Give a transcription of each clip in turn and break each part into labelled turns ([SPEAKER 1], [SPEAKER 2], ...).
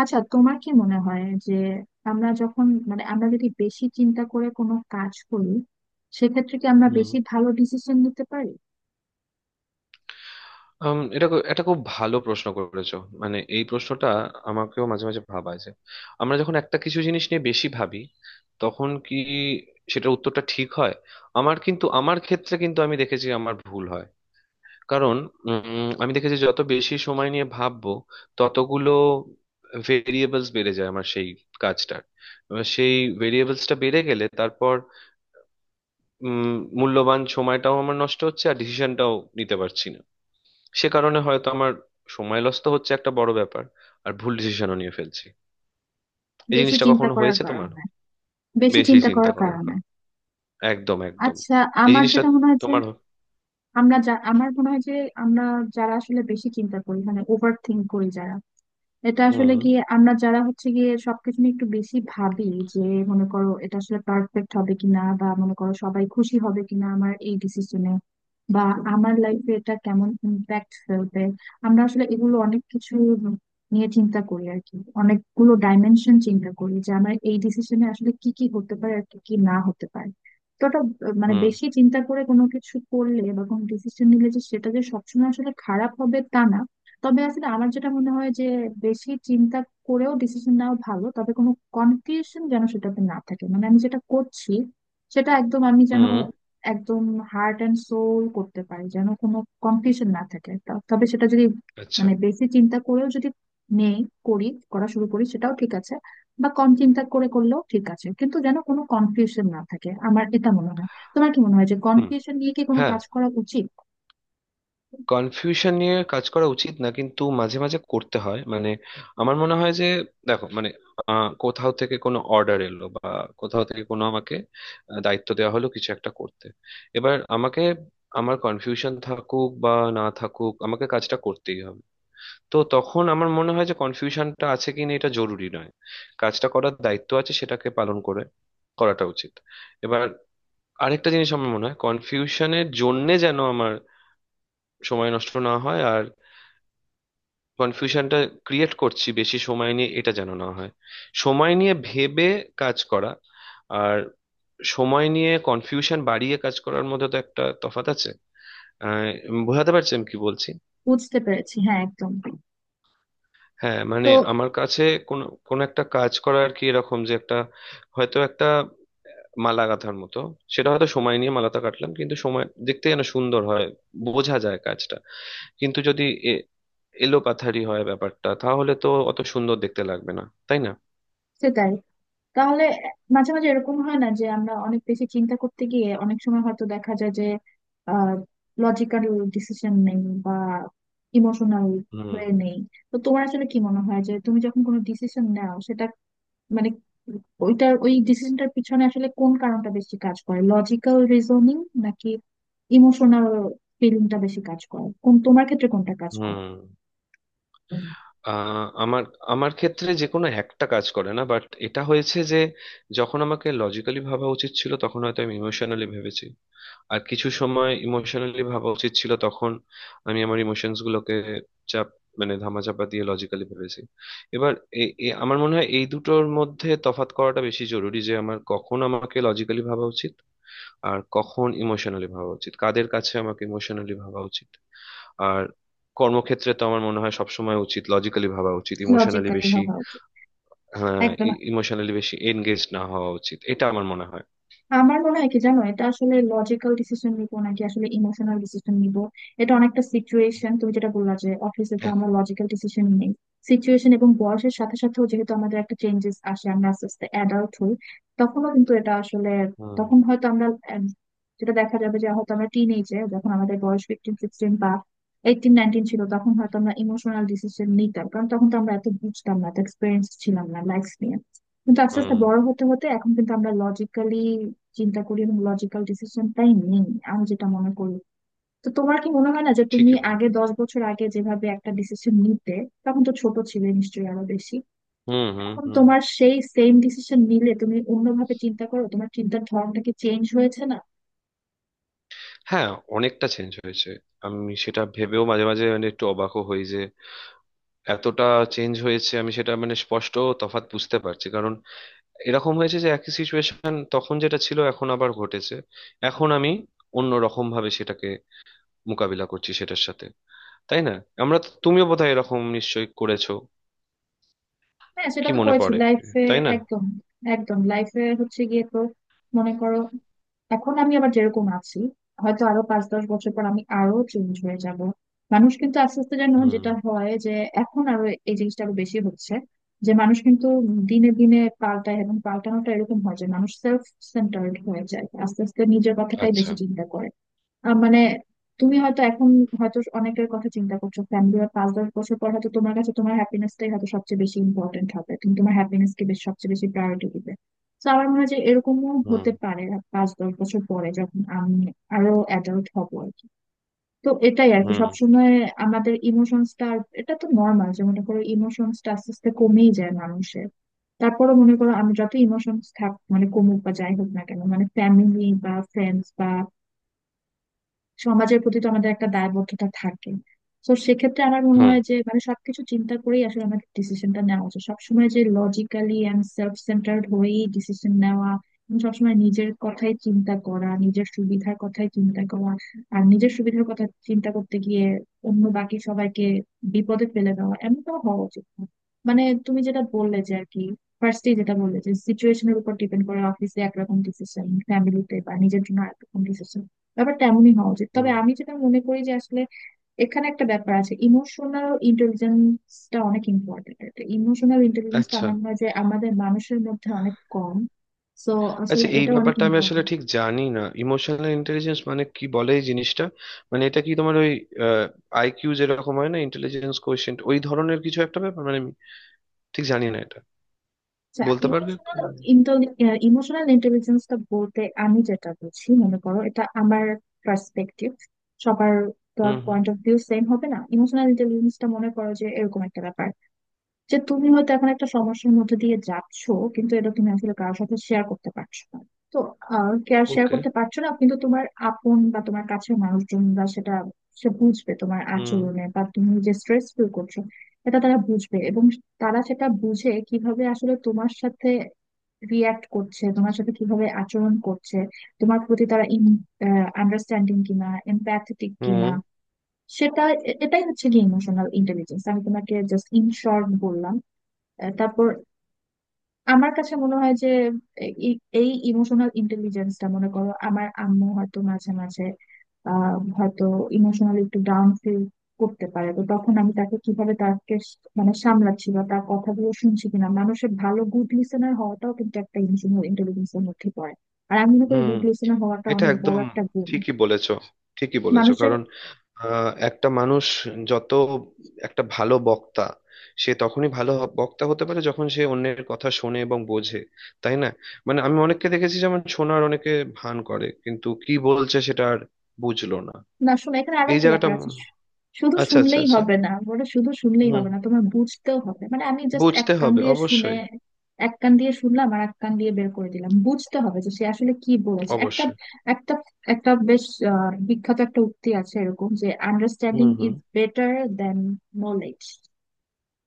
[SPEAKER 1] আচ্ছা, তোমার কি মনে হয় যে আমরা যখন মানে আমরা যদি বেশি চিন্তা করে কোনো কাজ করি সেক্ষেত্রে কি আমরা
[SPEAKER 2] হুম।
[SPEAKER 1] বেশি ভালো ডিসিশন নিতে পারি?
[SPEAKER 2] এটা খুব ভালো প্রশ্ন করেছো। মানে এই প্রশ্নটা আমাকেও মাঝে মাঝে ভাবায় যে আমরা যখন একটা কিছু জিনিস নিয়ে বেশি ভাবি তখন কি সেটার উত্তরটা ঠিক হয়। আমার ক্ষেত্রে কিন্তু আমি দেখেছি আমার ভুল হয়, কারণ আমি দেখেছি যত বেশি সময় নিয়ে ভাববো ততগুলো ভেরিয়েবলস বেড়ে যায় আমার সেই কাজটার। এবার সেই ভেরিয়েবলসটা বেড়ে গেলে তারপর উম, মূল্যবান সময়টাও আমার নষ্ট হচ্ছে আর ডিসিশনটাও নিতে পারছি না। সে কারণে হয়তো আমার সময় লস তো হচ্ছে একটা বড় ব্যাপার, আর ভুল ডিসিশনও নিয়ে ফেলছি। এই
[SPEAKER 1] বেশি
[SPEAKER 2] জিনিসটা
[SPEAKER 1] চিন্তা
[SPEAKER 2] কখনো
[SPEAKER 1] করার
[SPEAKER 2] হয়েছে তোমার?
[SPEAKER 1] কারণে বেশি
[SPEAKER 2] বেশি
[SPEAKER 1] চিন্তা
[SPEAKER 2] চিন্তা
[SPEAKER 1] করার
[SPEAKER 2] করার
[SPEAKER 1] কারণে
[SPEAKER 2] কারণ। একদম একদম।
[SPEAKER 1] আচ্ছা,
[SPEAKER 2] এই
[SPEAKER 1] আমার
[SPEAKER 2] জিনিসটা
[SPEAKER 1] যেটা মনে হয় যে,
[SPEAKER 2] তোমার।
[SPEAKER 1] আমার মনে হয় যে আমরা যারা আসলে বেশি চিন্তা করি, মানে ওভার থিঙ্ক করি যারা, এটা আসলে
[SPEAKER 2] হুম
[SPEAKER 1] গিয়ে আমরা যারা হচ্ছে গিয়ে সবকিছু নিয়ে একটু বেশি ভাবি যে মনে করো এটা আসলে পারফেক্ট হবে কিনা, বা মনে করো সবাই খুশি হবে কিনা আমার এই ডিসিশনে, বা আমার লাইফে এটা কেমন ইম্প্যাক্ট ফেলবে। আমরা আসলে এগুলো অনেক কিছু নিয়ে চিন্তা করি আর কি, অনেকগুলো ডাইমেনশন চিন্তা করি যে আমার এই ডিসিশনে আসলে কি কি হতে পারে আর কি কি না হতে পারে। তো ওটা মানে,
[SPEAKER 2] হুম
[SPEAKER 1] বেশি চিন্তা করে কোনো কিছু করলে বা কোনো ডিসিশন নিলে যে সেটা যে সবসময় আসলে খারাপ হবে তা না। তবে আসলে আমার যেটা মনে হয় যে বেশি চিন্তা করেও ডিসিশন নেওয়া ভালো, তবে কোনো কনফিউশন যেন সেটাতে না থাকে। মানে আমি যেটা করছি সেটা একদম আমি যেন
[SPEAKER 2] হুম।
[SPEAKER 1] একদম হার্ট অ্যান্ড সোল করতে পারি, যেন কোনো কনফিউশন না থাকে। তবে সেটা যদি
[SPEAKER 2] আচ্ছা।
[SPEAKER 1] মানে বেশি চিন্তা করেও যদি নেই করি করা শুরু করি সেটাও ঠিক আছে, বা কম চিন্তা করে করলেও ঠিক আছে, কিন্তু যেন কোনো কনফিউশন না থাকে, আমার এটা মনে হয়। তোমার কি মনে হয় যে
[SPEAKER 2] হুম।
[SPEAKER 1] কনফিউশন নিয়ে কি কোনো
[SPEAKER 2] হ্যাঁ।
[SPEAKER 1] কাজ করা উচিত?
[SPEAKER 2] কনফিউশন নিয়ে কাজ করা উচিত না, কিন্তু মাঝে মাঝে করতে হয়। মানে আমার মনে হয় যে, দেখো মানে কোথাও থেকে কোনো অর্ডার এলো, বা কোথাও থেকে কোনো আমাকে দায়িত্ব দেওয়া হলো কিছু একটা করতে। এবার আমাকে, আমার কনফিউশন থাকুক বা না থাকুক, আমাকে কাজটা করতেই হবে। তো তখন আমার মনে হয় যে কনফিউশনটা আছে কিনা এটা জরুরি নয়। কাজটা করার দায়িত্ব আছে, সেটাকে পালন করে করাটা উচিত। এবার আরেকটা জিনিস আমার মনে হয়, কনফিউশনের জন্যে যেন আমার সময় নষ্ট না হয়। কনফিউশনটা ক্রিয়েট করছি বেশি সময় নিয়ে, এটা যেন না হয়। সময় নিয়ে ভেবে কাজ করা আর সময় নিয়ে কনফিউশন বাড়িয়ে কাজ করার মধ্যে তো একটা তফাৎ আছে। আহ, বোঝাতে পারছি আমি কি বলছি?
[SPEAKER 1] বুঝতে পেরেছি, হ্যাঁ, একদম।
[SPEAKER 2] হ্যাঁ মানে
[SPEAKER 1] তো
[SPEAKER 2] আমার কাছে কোন কোন একটা কাজ করার কি এরকম যে একটা হয়তো একটা মালা গাঁথার মতো। সেটা হয়তো সময় নিয়ে মালাটা কাটলাম, কিন্তু সময় দেখতে যেন সুন্দর হয়, বোঝা যায় কাজটা। কিন্তু যদি এ- এলোপাথারি হয় ব্যাপারটা তাহলে তো অত সুন্দর দেখতে লাগবে না, তাই না?
[SPEAKER 1] সেটাই। তাহলে মাঝে মাঝে এরকম হয় না যে আমরা অনেক বেশি চিন্তা করতে গিয়ে অনেক সময় হয়তো দেখা যায় যে লজিক্যাল ডিসিশন নেই বা ইমোশনাল
[SPEAKER 2] হুম
[SPEAKER 1] হয়ে নেই? তো তোমার আসলে কি মনে হয় যে তুমি যখন কোনো ডিসিশন নাও, সেটা মানে ওইটার ওই ডিসিশনটার পিছনে আসলে কোন কারণটা বেশি কাজ করে? লজিক্যাল রিজনিং নাকি ইমোশনাল ফিলিংটা বেশি কাজ করে? কোন, তোমার ক্ষেত্রে কোনটা কাজ করে?
[SPEAKER 2] হুম। আহ, আমার আমার ক্ষেত্রে যে কোনো একটা কাজ করে না, বাট এটা হয়েছে যে যখন আমাকে লজিক্যালি ভাবা উচিত ছিল তখন হয়তো আমি ইমোশনালি ভেবেছি। আর কিছু সময় ইমোশনালি ভাবা উচিত ছিল তখন আমি আমার ইমোশনস গুলোকে চাপ মানে ধামাচাপা দিয়ে লজিক্যালি ভেবেছি। এবার আমার মনে হয় এই দুটোর মধ্যে তফাৎ করাটা বেশি জরুরি, যে আমার কখন আমাকে লজিক্যালি ভাবা উচিত আর কখন ইমোশনালি ভাবা উচিত, কাদের কাছে আমাকে ইমোশনালি ভাবা উচিত। আর কর্মক্ষেত্রে তো আমার মনে হয় সবসময় উচিত লজিক্যালি ভাবা উচিত, ইমোশনালি
[SPEAKER 1] লজিক্যালি
[SPEAKER 2] বেশি।
[SPEAKER 1] ভাবা উচিত।
[SPEAKER 2] হ্যাঁ।
[SPEAKER 1] একদম।
[SPEAKER 2] ইমোশনালি বেশি এনগেজ না হওয়া উচিত, এটা আমার মনে হয়।
[SPEAKER 1] আমার মনে হয় কি জানো, এটা আসলে লজিক্যাল ডিসিশন নিবো নাকি আসলে ইমোশনাল ডিসিশন নিব, এটা অনেকটা সিচুয়েশন। তুমি যেটা বললা যে অফিসে তো
[SPEAKER 2] এক-
[SPEAKER 1] আমরা লজিক্যাল ডিসিশন নেই, সিচুয়েশন এবং বয়সের সাথে সাথেও যেহেতু আমাদের একটা চেঞ্জেস আসে, আমরা আস্তে আস্তে অ্যাডাল্ট হই, তখনও কিন্তু এটা আসলে,
[SPEAKER 2] হুম
[SPEAKER 1] তখন হয়তো আমরা আহ, যেটা দেখা যাবে যে হয়তো আমরা টিন এজে যখন আমাদের বয়স 15-16 বা 18-19 ছিল তখন হয়তো আমরা ইমোশনাল ডিসিশন নিতাম, কারণ তখন তো আমরা এত বুঝতাম না, এত এক্সপিরিয়েন্স ছিলাম না লাইফ নিয়ে। কিন্তু আস্তে আস্তে
[SPEAKER 2] হুম।
[SPEAKER 1] বড় হতে হতে এখন কিন্তু আমরা চিন্তা করি এবং লজিক্যাল ডিসিশনটাই নেই, আমি যেটা মনে করি। তো তোমার কি মনে হয় না যে তুমি
[SPEAKER 2] ঠিকই বল।
[SPEAKER 1] আগে, 10 বছর আগে যেভাবে একটা ডিসিশন নিতে, তখন তো ছোট ছিলে নিশ্চয়ই আরো বেশি,
[SPEAKER 2] হুম হুম
[SPEAKER 1] এখন
[SPEAKER 2] হুম।
[SPEAKER 1] তোমার সেই সেম ডিসিশন নিলে তুমি অন্যভাবে চিন্তা করো? তোমার চিন্তার ধরনটা কি চেঞ্জ হয়েছে না?
[SPEAKER 2] হ্যাঁ অনেকটা চেঞ্জ হয়েছে। আমি সেটা ভেবেও মাঝে মাঝে মানে একটু অবাকও হই যে এতটা চেঞ্জ হয়েছে। আমি সেটা মানে স্পষ্ট তফাৎ বুঝতে পারছি, কারণ এরকম হয়েছে যে একই সিচুয়েশন তখন যেটা ছিল এখন আবার ঘটেছে। এখন আমি অন্য রকম ভাবে সেটাকে মোকাবিলা করছি সেটার সাথে, তাই না? তুমিও বোধহয় এরকম নিশ্চয়ই করেছো।
[SPEAKER 1] হ্যাঁ, সেটা
[SPEAKER 2] কি
[SPEAKER 1] তো
[SPEAKER 2] মনে
[SPEAKER 1] করেছি
[SPEAKER 2] পড়ে?
[SPEAKER 1] লাইফে।
[SPEAKER 2] তাই না?
[SPEAKER 1] একদম, একদম। লাইফে হচ্ছে গিয়ে তো মনে করো এখন আমি আবার যেরকম আছি, হয়তো আরো 5-10 বছর পর আমি আরো চেঞ্জ হয়ে যাব। মানুষ কিন্তু আস্তে আস্তে যেন
[SPEAKER 2] হুম।
[SPEAKER 1] যেটা হয় যে এখন আরো, এই জিনিসটা আরো বেশি হচ্ছে যে, মানুষ কিন্তু দিনে দিনে পাল্টায় এবং পাল্টানোটা এরকম হয় যে মানুষ সেলফ সেন্টার্ড হয়ে যায় আস্তে আস্তে, নিজের কথাটাই
[SPEAKER 2] আচ্ছা।
[SPEAKER 1] বেশি চিন্তা করে। মানে, তুমি হয়তো এখন, হয়তো অনেকের কথা চিন্তা করছো ফ্যামিলি, আর 5-10 বছর পর হয়তো তোমার কাছে তোমার হ্যাপিনেসটাই হয়তো সবচেয়ে বেশি ইম্পর্টেন্ট হবে, তুমি তোমার হ্যাপিনেস কে বেশ সবচেয়ে বেশি প্রায়োরিটি দিবে। তো আমার মনে হয় যে এরকমও
[SPEAKER 2] হুম
[SPEAKER 1] হতে পারে 5-10 বছর পরে, যখন আমি আরো অ্যাডাল্ট হব আর কি। তো এটাই আর কি,
[SPEAKER 2] হুম
[SPEAKER 1] সবসময় আমাদের ইমোশনসটা, এটা তো নর্মাল যে মনে করো ইমোশনসটা আস্তে আস্তে কমেই যায় মানুষের। তারপরও মনে করো আমি যত ইমোশনস থাক, মানে কমুক বা যাই হোক না কেন, মানে ফ্যামিলি বা ফ্রেন্ডস, সমাজের প্রতি তো আমাদের একটা দায়বদ্ধতা থাকে। তো সেক্ষেত্রে আমার মনে
[SPEAKER 2] হুম
[SPEAKER 1] হয় যে মানে সবকিছু চিন্তা করেই আসলে আমাদের ডিসিশনটা নেওয়া উচিত সবসময়, যে লজিক্যালি এন্ড সেলফ সেন্টার্ড হয়েই ডিসিশন নেওয়া এবং সবসময় নিজের কথাই চিন্তা করা, নিজের সুবিধার কথাই চিন্তা করা। আর নিজের সুবিধার কথা চিন্তা করতে গিয়ে অন্য বাকি সবাইকে বিপদে ফেলে দেওয়া, এমনটাও হওয়া উচিত না। মানে, তুমি যেটা বললে যে আর কি, ফার্স্টেই যেটা বললে যে সিচুয়েশনের উপর ডিপেন্ড করে, অফিসে একরকম ডিসিশন, ফ্যামিলিতে বা নিজের জন্য একরকম ডিসিশন, ব্যাপারটা এমনই হওয়া উচিত। তবে
[SPEAKER 2] হুম।
[SPEAKER 1] আমি যেটা মনে করি যে আসলে এখানে একটা ব্যাপার আছে, ইমোশনাল ইন্টেলিজেন্সটা অনেক ইম্পর্টেন্ট। এটা ইমোশনাল ইন্টেলিজেন্সটা
[SPEAKER 2] আচ্ছা
[SPEAKER 1] আমার মনে হয় যে আমাদের মানুষের মধ্যে অনেক কম। সো
[SPEAKER 2] আচ্ছা
[SPEAKER 1] আসলে
[SPEAKER 2] এই
[SPEAKER 1] এটা অনেক
[SPEAKER 2] ব্যাপারটা আমি আসলে
[SPEAKER 1] ইম্পর্টেন্ট।
[SPEAKER 2] ঠিক জানি না, ইমোশনাল ইন্টেলিজেন্স মানে কি বলে এই জিনিসটা। মানে এটা কি তোমার ওই আইকিউ যেরকম হয় না ইন্টেলিজেন্স কোয়েশ্চেন্ট, ওই ধরনের কিছু একটা ব্যাপার? মানে আমি ঠিক জানি না এটা,
[SPEAKER 1] আচ্ছা,
[SPEAKER 2] বলতে পারবে?
[SPEAKER 1] ইমোশনাল ইমোশনাল ইন্টেলিজেন্সটা বলতে আমি যেটা বুঝি, মনে করো এটা আমার পার্সপেক্টিভ, সবার
[SPEAKER 2] হুম হুম।
[SPEAKER 1] পয়েন্ট অফ ভিউ সেম হবে না। ইমোশনাল ইন্টেলিজেন্সটা মনে করো যে এরকম একটা ব্যাপার যে তুমি হয়তো এখন একটা সমস্যার মধ্যে দিয়ে যাচ্ছ, কিন্তু এটা তুমি আসলে কারোর সাথে শেয়ার করতে পারছো না। তো কেয়ার শেয়ার
[SPEAKER 2] ওকে।
[SPEAKER 1] করতে পারছো না, কিন্তু তোমার আপন বা তোমার কাছের মানুষজন বা সেটা, সে বুঝবে তোমার
[SPEAKER 2] হুম
[SPEAKER 1] আচরণে বা তুমি যে স্ট্রেস ফিল করছো, এটা তারা বুঝবে এবং তারা সেটা বুঝে কিভাবে আসলে তোমার সাথে রিয়াক্ট করছে, তোমার সাথে কিভাবে আচরণ করছে, তোমার প্রতি তারা আন্ডারস্ট্যান্ডিং কিনা, এমপ্যাথেটিক কিনা,
[SPEAKER 2] হুম
[SPEAKER 1] সেটা, এটাই হচ্ছে কি ইমোশনাল ইন্টেলিজেন্স। আমি তোমাকে জাস্ট ইন শর্ট বললাম। আহ, তারপর আমার কাছে মনে হয় যে এই, এই ইমোশনাল ইন্টেলিজেন্সটা মনে করো আমার আম্মু হয়তো মাঝে মাঝে, আহ, হয়তো ইমোশনালি একটু ডাউন ফিল করতে পারে, তো তখন আমি তাকে কিভাবে, তাকে মানে সামলাচ্ছি বা তার কথাগুলো শুনছি কিনা, মানুষের ভালো গুড লিসেনার হওয়াটাও কিন্তু একটা ইমোশনাল ইন্টেলিজেন্সের মধ্যে পড়ে। আর আমি মনে করি
[SPEAKER 2] হুম।
[SPEAKER 1] গুড লিসেনার হওয়াটা
[SPEAKER 2] এটা
[SPEAKER 1] অনেক
[SPEAKER 2] একদম
[SPEAKER 1] বড় একটা গুণ
[SPEAKER 2] ঠিকই বলেছো। ঠিকই বলেছো,
[SPEAKER 1] মানুষের।
[SPEAKER 2] কারণ একটা মানুষ যত একটা ভালো বক্তা, সে তখনই ভালো বক্তা হতে পারে যখন সে অন্যের কথা শোনে এবং বোঝে, তাই না? মানে আমি অনেককে দেখেছি, যেমন শোনার অনেকে ভান করে কিন্তু কি বলছে সেটা আর বুঝলো না।
[SPEAKER 1] না, শোনো, এখানে
[SPEAKER 2] এই
[SPEAKER 1] আরেকটা
[SPEAKER 2] জায়গাটা
[SPEAKER 1] ব্যাপার আছে, শুধু
[SPEAKER 2] আচ্ছা আচ্ছা
[SPEAKER 1] শুনলেই
[SPEAKER 2] আচ্ছা।
[SPEAKER 1] হবে না বলে, শুধু শুনলেই
[SPEAKER 2] হুম।
[SPEAKER 1] হবে না, তোমার বুঝতেও হবে। মানে আমি জাস্ট এক
[SPEAKER 2] বুঝতে
[SPEAKER 1] কান
[SPEAKER 2] হবে
[SPEAKER 1] দিয়ে শুনে,
[SPEAKER 2] অবশ্যই।
[SPEAKER 1] এক কান দিয়ে শুনলাম আর এক কান দিয়ে বের করে দিলাম, বুঝতে হবে যে সে আসলে কি বলেছে। একটা
[SPEAKER 2] অবশ্যই।
[SPEAKER 1] একটা একটা বেশ বিখ্যাত একটা উক্তি আছে এরকম যে, understanding
[SPEAKER 2] hmm hmm.
[SPEAKER 1] Is better than knowledge.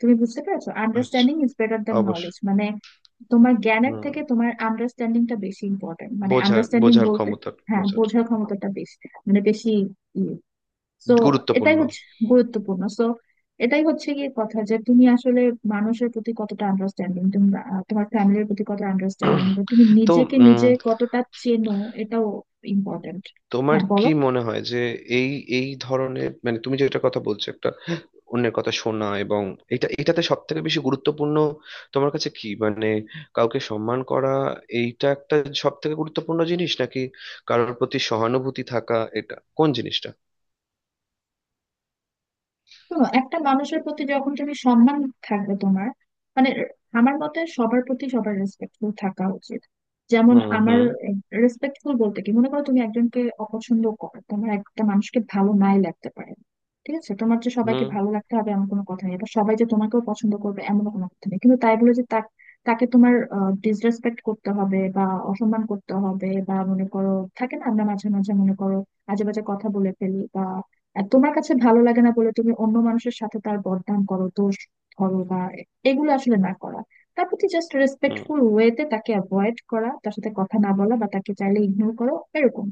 [SPEAKER 1] তুমি বুঝতে পেরেছো,
[SPEAKER 2] আচ্ছা।
[SPEAKER 1] আন্ডারস্ট্যান্ডিং ইজ বেটার দেন
[SPEAKER 2] অবশ্যই।
[SPEAKER 1] নলেজ মানে তোমার জ্ঞানের থেকে
[SPEAKER 2] হুম।
[SPEAKER 1] তোমার আন্ডারস্ট্যান্ডিংটা বেশি ইম্পর্টেন্ট। মানে
[SPEAKER 2] বোঝার
[SPEAKER 1] আন্ডারস্ট্যান্ডিং
[SPEAKER 2] বোঝার
[SPEAKER 1] বলতে,
[SPEAKER 2] ক্ষমতা।
[SPEAKER 1] হ্যাঁ,
[SPEAKER 2] বোঝাটা
[SPEAKER 1] বোঝার ক্ষমতাটা বেশি, মানে বেশি ইয়ে। তো এটাই
[SPEAKER 2] গুরুত্বপূর্ণ।
[SPEAKER 1] হচ্ছে গুরুত্বপূর্ণ। সো এটাই হচ্ছে গিয়ে কথা যে তুমি আসলে মানুষের প্রতি কতটা আন্ডারস্ট্যান্ডিং তুমি, তোমার ফ্যামিলির প্রতি কতটা আন্ডারস্ট্যান্ডিং, বা তুমি
[SPEAKER 2] তো
[SPEAKER 1] নিজেকে
[SPEAKER 2] উম,
[SPEAKER 1] নিজে কতটা চেনো, এটাও ইম্পর্টেন্ট।
[SPEAKER 2] তোমার
[SPEAKER 1] হ্যাঁ, বলো।
[SPEAKER 2] কি মনে হয় যে এই এই ধরনের মানে তুমি যেটা কথা বলছো, একটা অন্যের কথা শোনা, এবং এটা, এটাতে সব থেকে বেশি গুরুত্বপূর্ণ তোমার কাছে কি মানে কাউকে সম্মান করা, এইটা একটা সব থেকে গুরুত্বপূর্ণ জিনিস, নাকি কারোর প্রতি সহানুভূতি থাকা, এটা কোন জিনিসটা?
[SPEAKER 1] শোনো, একটা মানুষের প্রতি যখন তুমি সম্মান থাকবে তোমার, মানে আমার মতে সবার প্রতি সবার রেসপেক্টফুল থাকা উচিত। যেমন
[SPEAKER 2] হুম
[SPEAKER 1] আমার,
[SPEAKER 2] হুম
[SPEAKER 1] রেসপেক্টফুল বলতে কি, মনে করো তুমি একজনকে অপছন্দ করো, তোমার একটা মানুষকে ভালো নাই লাগতে পারে, ঠিক আছে, তোমার যে সবাইকে
[SPEAKER 2] হুম
[SPEAKER 1] ভালো লাগতে হবে এমন কোনো কথা নেই, বা সবাই যে তোমাকেও পছন্দ করবে এমন কোনো কথা নেই, কিন্তু তাই বলে যে তাকে তোমার ডিসরেসপেক্ট করতে হবে বা অসম্মান করতে হবে, বা মনে করো থাকে না, আমরা মাঝে মাঝে মনে করো আজে বাজে কথা বলে ফেলি আর তোমার কাছে ভালো লাগে না বলে তুমি অন্য মানুষের সাথে তার বদনাম করো, দোষ ধরো বা, এগুলো আসলে না করা, তার প্রতি জাস্ট
[SPEAKER 2] হুম।
[SPEAKER 1] রেসপেক্টফুল ওয়েতে তাকে অ্যাভয়েড করা, তার সাথে কথা না বলা, বা তাকে চাইলে ইগনোর করো এরকম।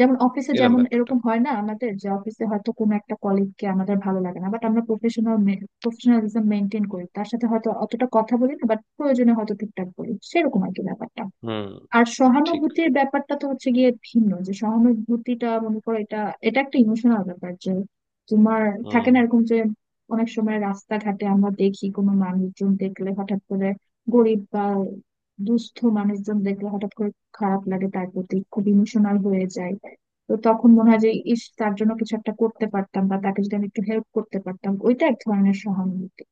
[SPEAKER 1] যেমন অফিসে,
[SPEAKER 2] এরম
[SPEAKER 1] যেমন
[SPEAKER 2] ব্যাপারটা।
[SPEAKER 1] এরকম হয় না আমাদের, যে অফিসে হয়তো কোনো একটা কলিগকে আমাদের ভালো লাগে না, বাট আমরা প্রফেশনাল প্রফেশনালিজম মেনটেন করি, তার সাথে হয়তো অতটা কথা বলি না বাট প্রয়োজনে হয়তো ঠিকঠাক বলি, সেরকম আর কি ব্যাপারটা।
[SPEAKER 2] হুম।
[SPEAKER 1] আর
[SPEAKER 2] ঠিক।
[SPEAKER 1] সহানুভূতির ব্যাপারটা তো হচ্ছে গিয়ে ভিন্ন, যে সহানুভূতিটা মনে করো এটা, এটা একটা ইমোশনাল ব্যাপার যে তোমার থাকে
[SPEAKER 2] হুম
[SPEAKER 1] না এরকম যে, অনেক সময় রাস্তাঘাটে আমরা দেখি কোনো মানুষজন দেখলে হঠাৎ করে, গরিব বা দুস্থ মানুষজন দেখলে হঠাৎ করে খারাপ লাগে, তার প্রতি খুব ইমোশনাল হয়ে যায়। তো তখন মনে হয় যে, ইস, তার জন্য কিছু একটা করতে পারতাম বা তাকে যদি আমি একটু হেল্প করতে পারতাম, ওইটা এক ধরনের সহানুভূতি।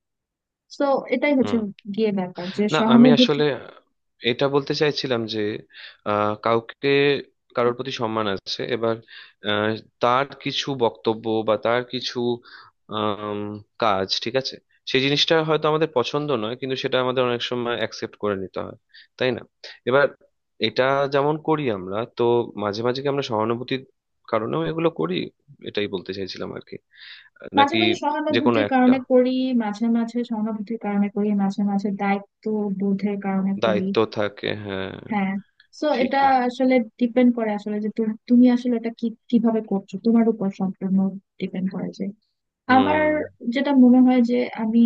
[SPEAKER 1] তো এটাই হচ্ছে
[SPEAKER 2] হুম।
[SPEAKER 1] গিয়ে ব্যাপার যে
[SPEAKER 2] না আমি
[SPEAKER 1] সহানুভূতি।
[SPEAKER 2] আসলে এটা বলতে চাইছিলাম যে কাউকে কারোর প্রতি সম্মান আছে, এবার আহ, তার কিছু বক্তব্য বা তার কিছু আম, কাজ ঠিক আছে, সেই জিনিসটা হয়তো আমাদের পছন্দ নয় কিন্তু সেটা আমাদের অনেক সময় অ্যাকসেপ্ট করে নিতে হয়, তাই না? এবার এটা যেমন করি, আমরা তো মাঝে মাঝে কি আমরা সহানুভূতির কারণেও এগুলো করি, এটাই বলতে চাইছিলাম আর কি,
[SPEAKER 1] মাঝে
[SPEAKER 2] নাকি
[SPEAKER 1] মাঝে
[SPEAKER 2] যে কোনো
[SPEAKER 1] সহানুভূতির
[SPEAKER 2] একটা
[SPEAKER 1] কারণে করি মাঝে মাঝে সহানুভূতির কারণে করি, মাঝে মাঝে দায়িত্ব বোধের কারণে করি।
[SPEAKER 2] দায়িত্ব থাকে। হ্যাঁ।
[SPEAKER 1] হ্যাঁ। তো এটা
[SPEAKER 2] ঠিকই।
[SPEAKER 1] আসলে ডিপেন্ড করে আসলে যে তুমি তুমি আসলে এটা কি কিভাবে করছো, তোমার উপর সম্পূর্ণ ডিপেন্ড করে যে আমার
[SPEAKER 2] হুম
[SPEAKER 1] যেটা মনে হয় যে আমি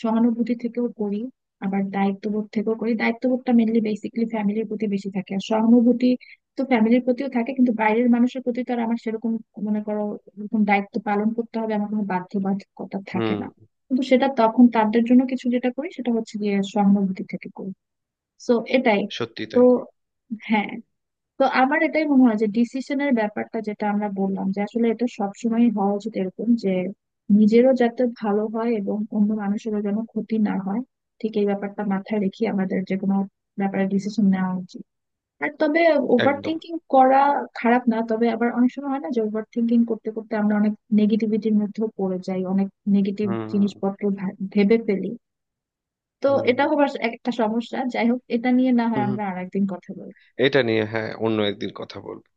[SPEAKER 1] সহানুভূতি থেকেও করি, আবার দায়িত্ববোধ থেকেও করি। দায়িত্ববোধটা মেনলি বেসিক্যালি ফ্যামিলির প্রতি বেশি থাকে, আর সহানুভূতি তো ফ্যামিলির প্রতিও থাকে, কিন্তু বাইরের মানুষের প্রতি তো আর আমার সেরকম মনে করো এরকম দায়িত্ব পালন করতে হবে, আমার কোনো বাধ্যবাধকতা থাকে
[SPEAKER 2] হুম।
[SPEAKER 1] না। কিন্তু সেটা তখন তাদের জন্য কিছু যেটা করি, সেটা হচ্ছে গিয়ে সহানুভূতি থেকে করি। তো এটাই।
[SPEAKER 2] সত্যি
[SPEAKER 1] তো
[SPEAKER 2] তাই।
[SPEAKER 1] হ্যাঁ, তো আমার এটাই মনে হয় যে ডিসিশনের ব্যাপারটা যেটা আমরা বললাম, যে আসলে এটা সবসময় হওয়া উচিত এরকম যে নিজেরও যাতে ভালো হয় এবং অন্য মানুষেরও যেন ক্ষতি না হয়, ঠিক এই ব্যাপারটা মাথায় রেখে আমাদের যে কোনো ব্যাপারে ডিসিশন নেওয়া উচিত। আর তবে ওভার
[SPEAKER 2] একদম।
[SPEAKER 1] থিঙ্কিং করা খারাপ না, তবে আবার অনেক সময় হয় না যে ওভার থিঙ্কিং করতে করতে আমরা অনেক নেগেটিভিটির মধ্যেও পড়ে যাই, অনেক নেগেটিভ
[SPEAKER 2] হুম
[SPEAKER 1] জিনিসপত্র ভেবে ফেলি। তো
[SPEAKER 2] হুম
[SPEAKER 1] এটা হবার একটা সমস্যা। যাই হোক, এটা নিয়ে না হয়
[SPEAKER 2] হুম হুম।
[SPEAKER 1] আমরা আরেকদিন কথা বলবো।
[SPEAKER 2] এটা নিয়ে হ্যাঁ অন্য একদিন কথা বলবো।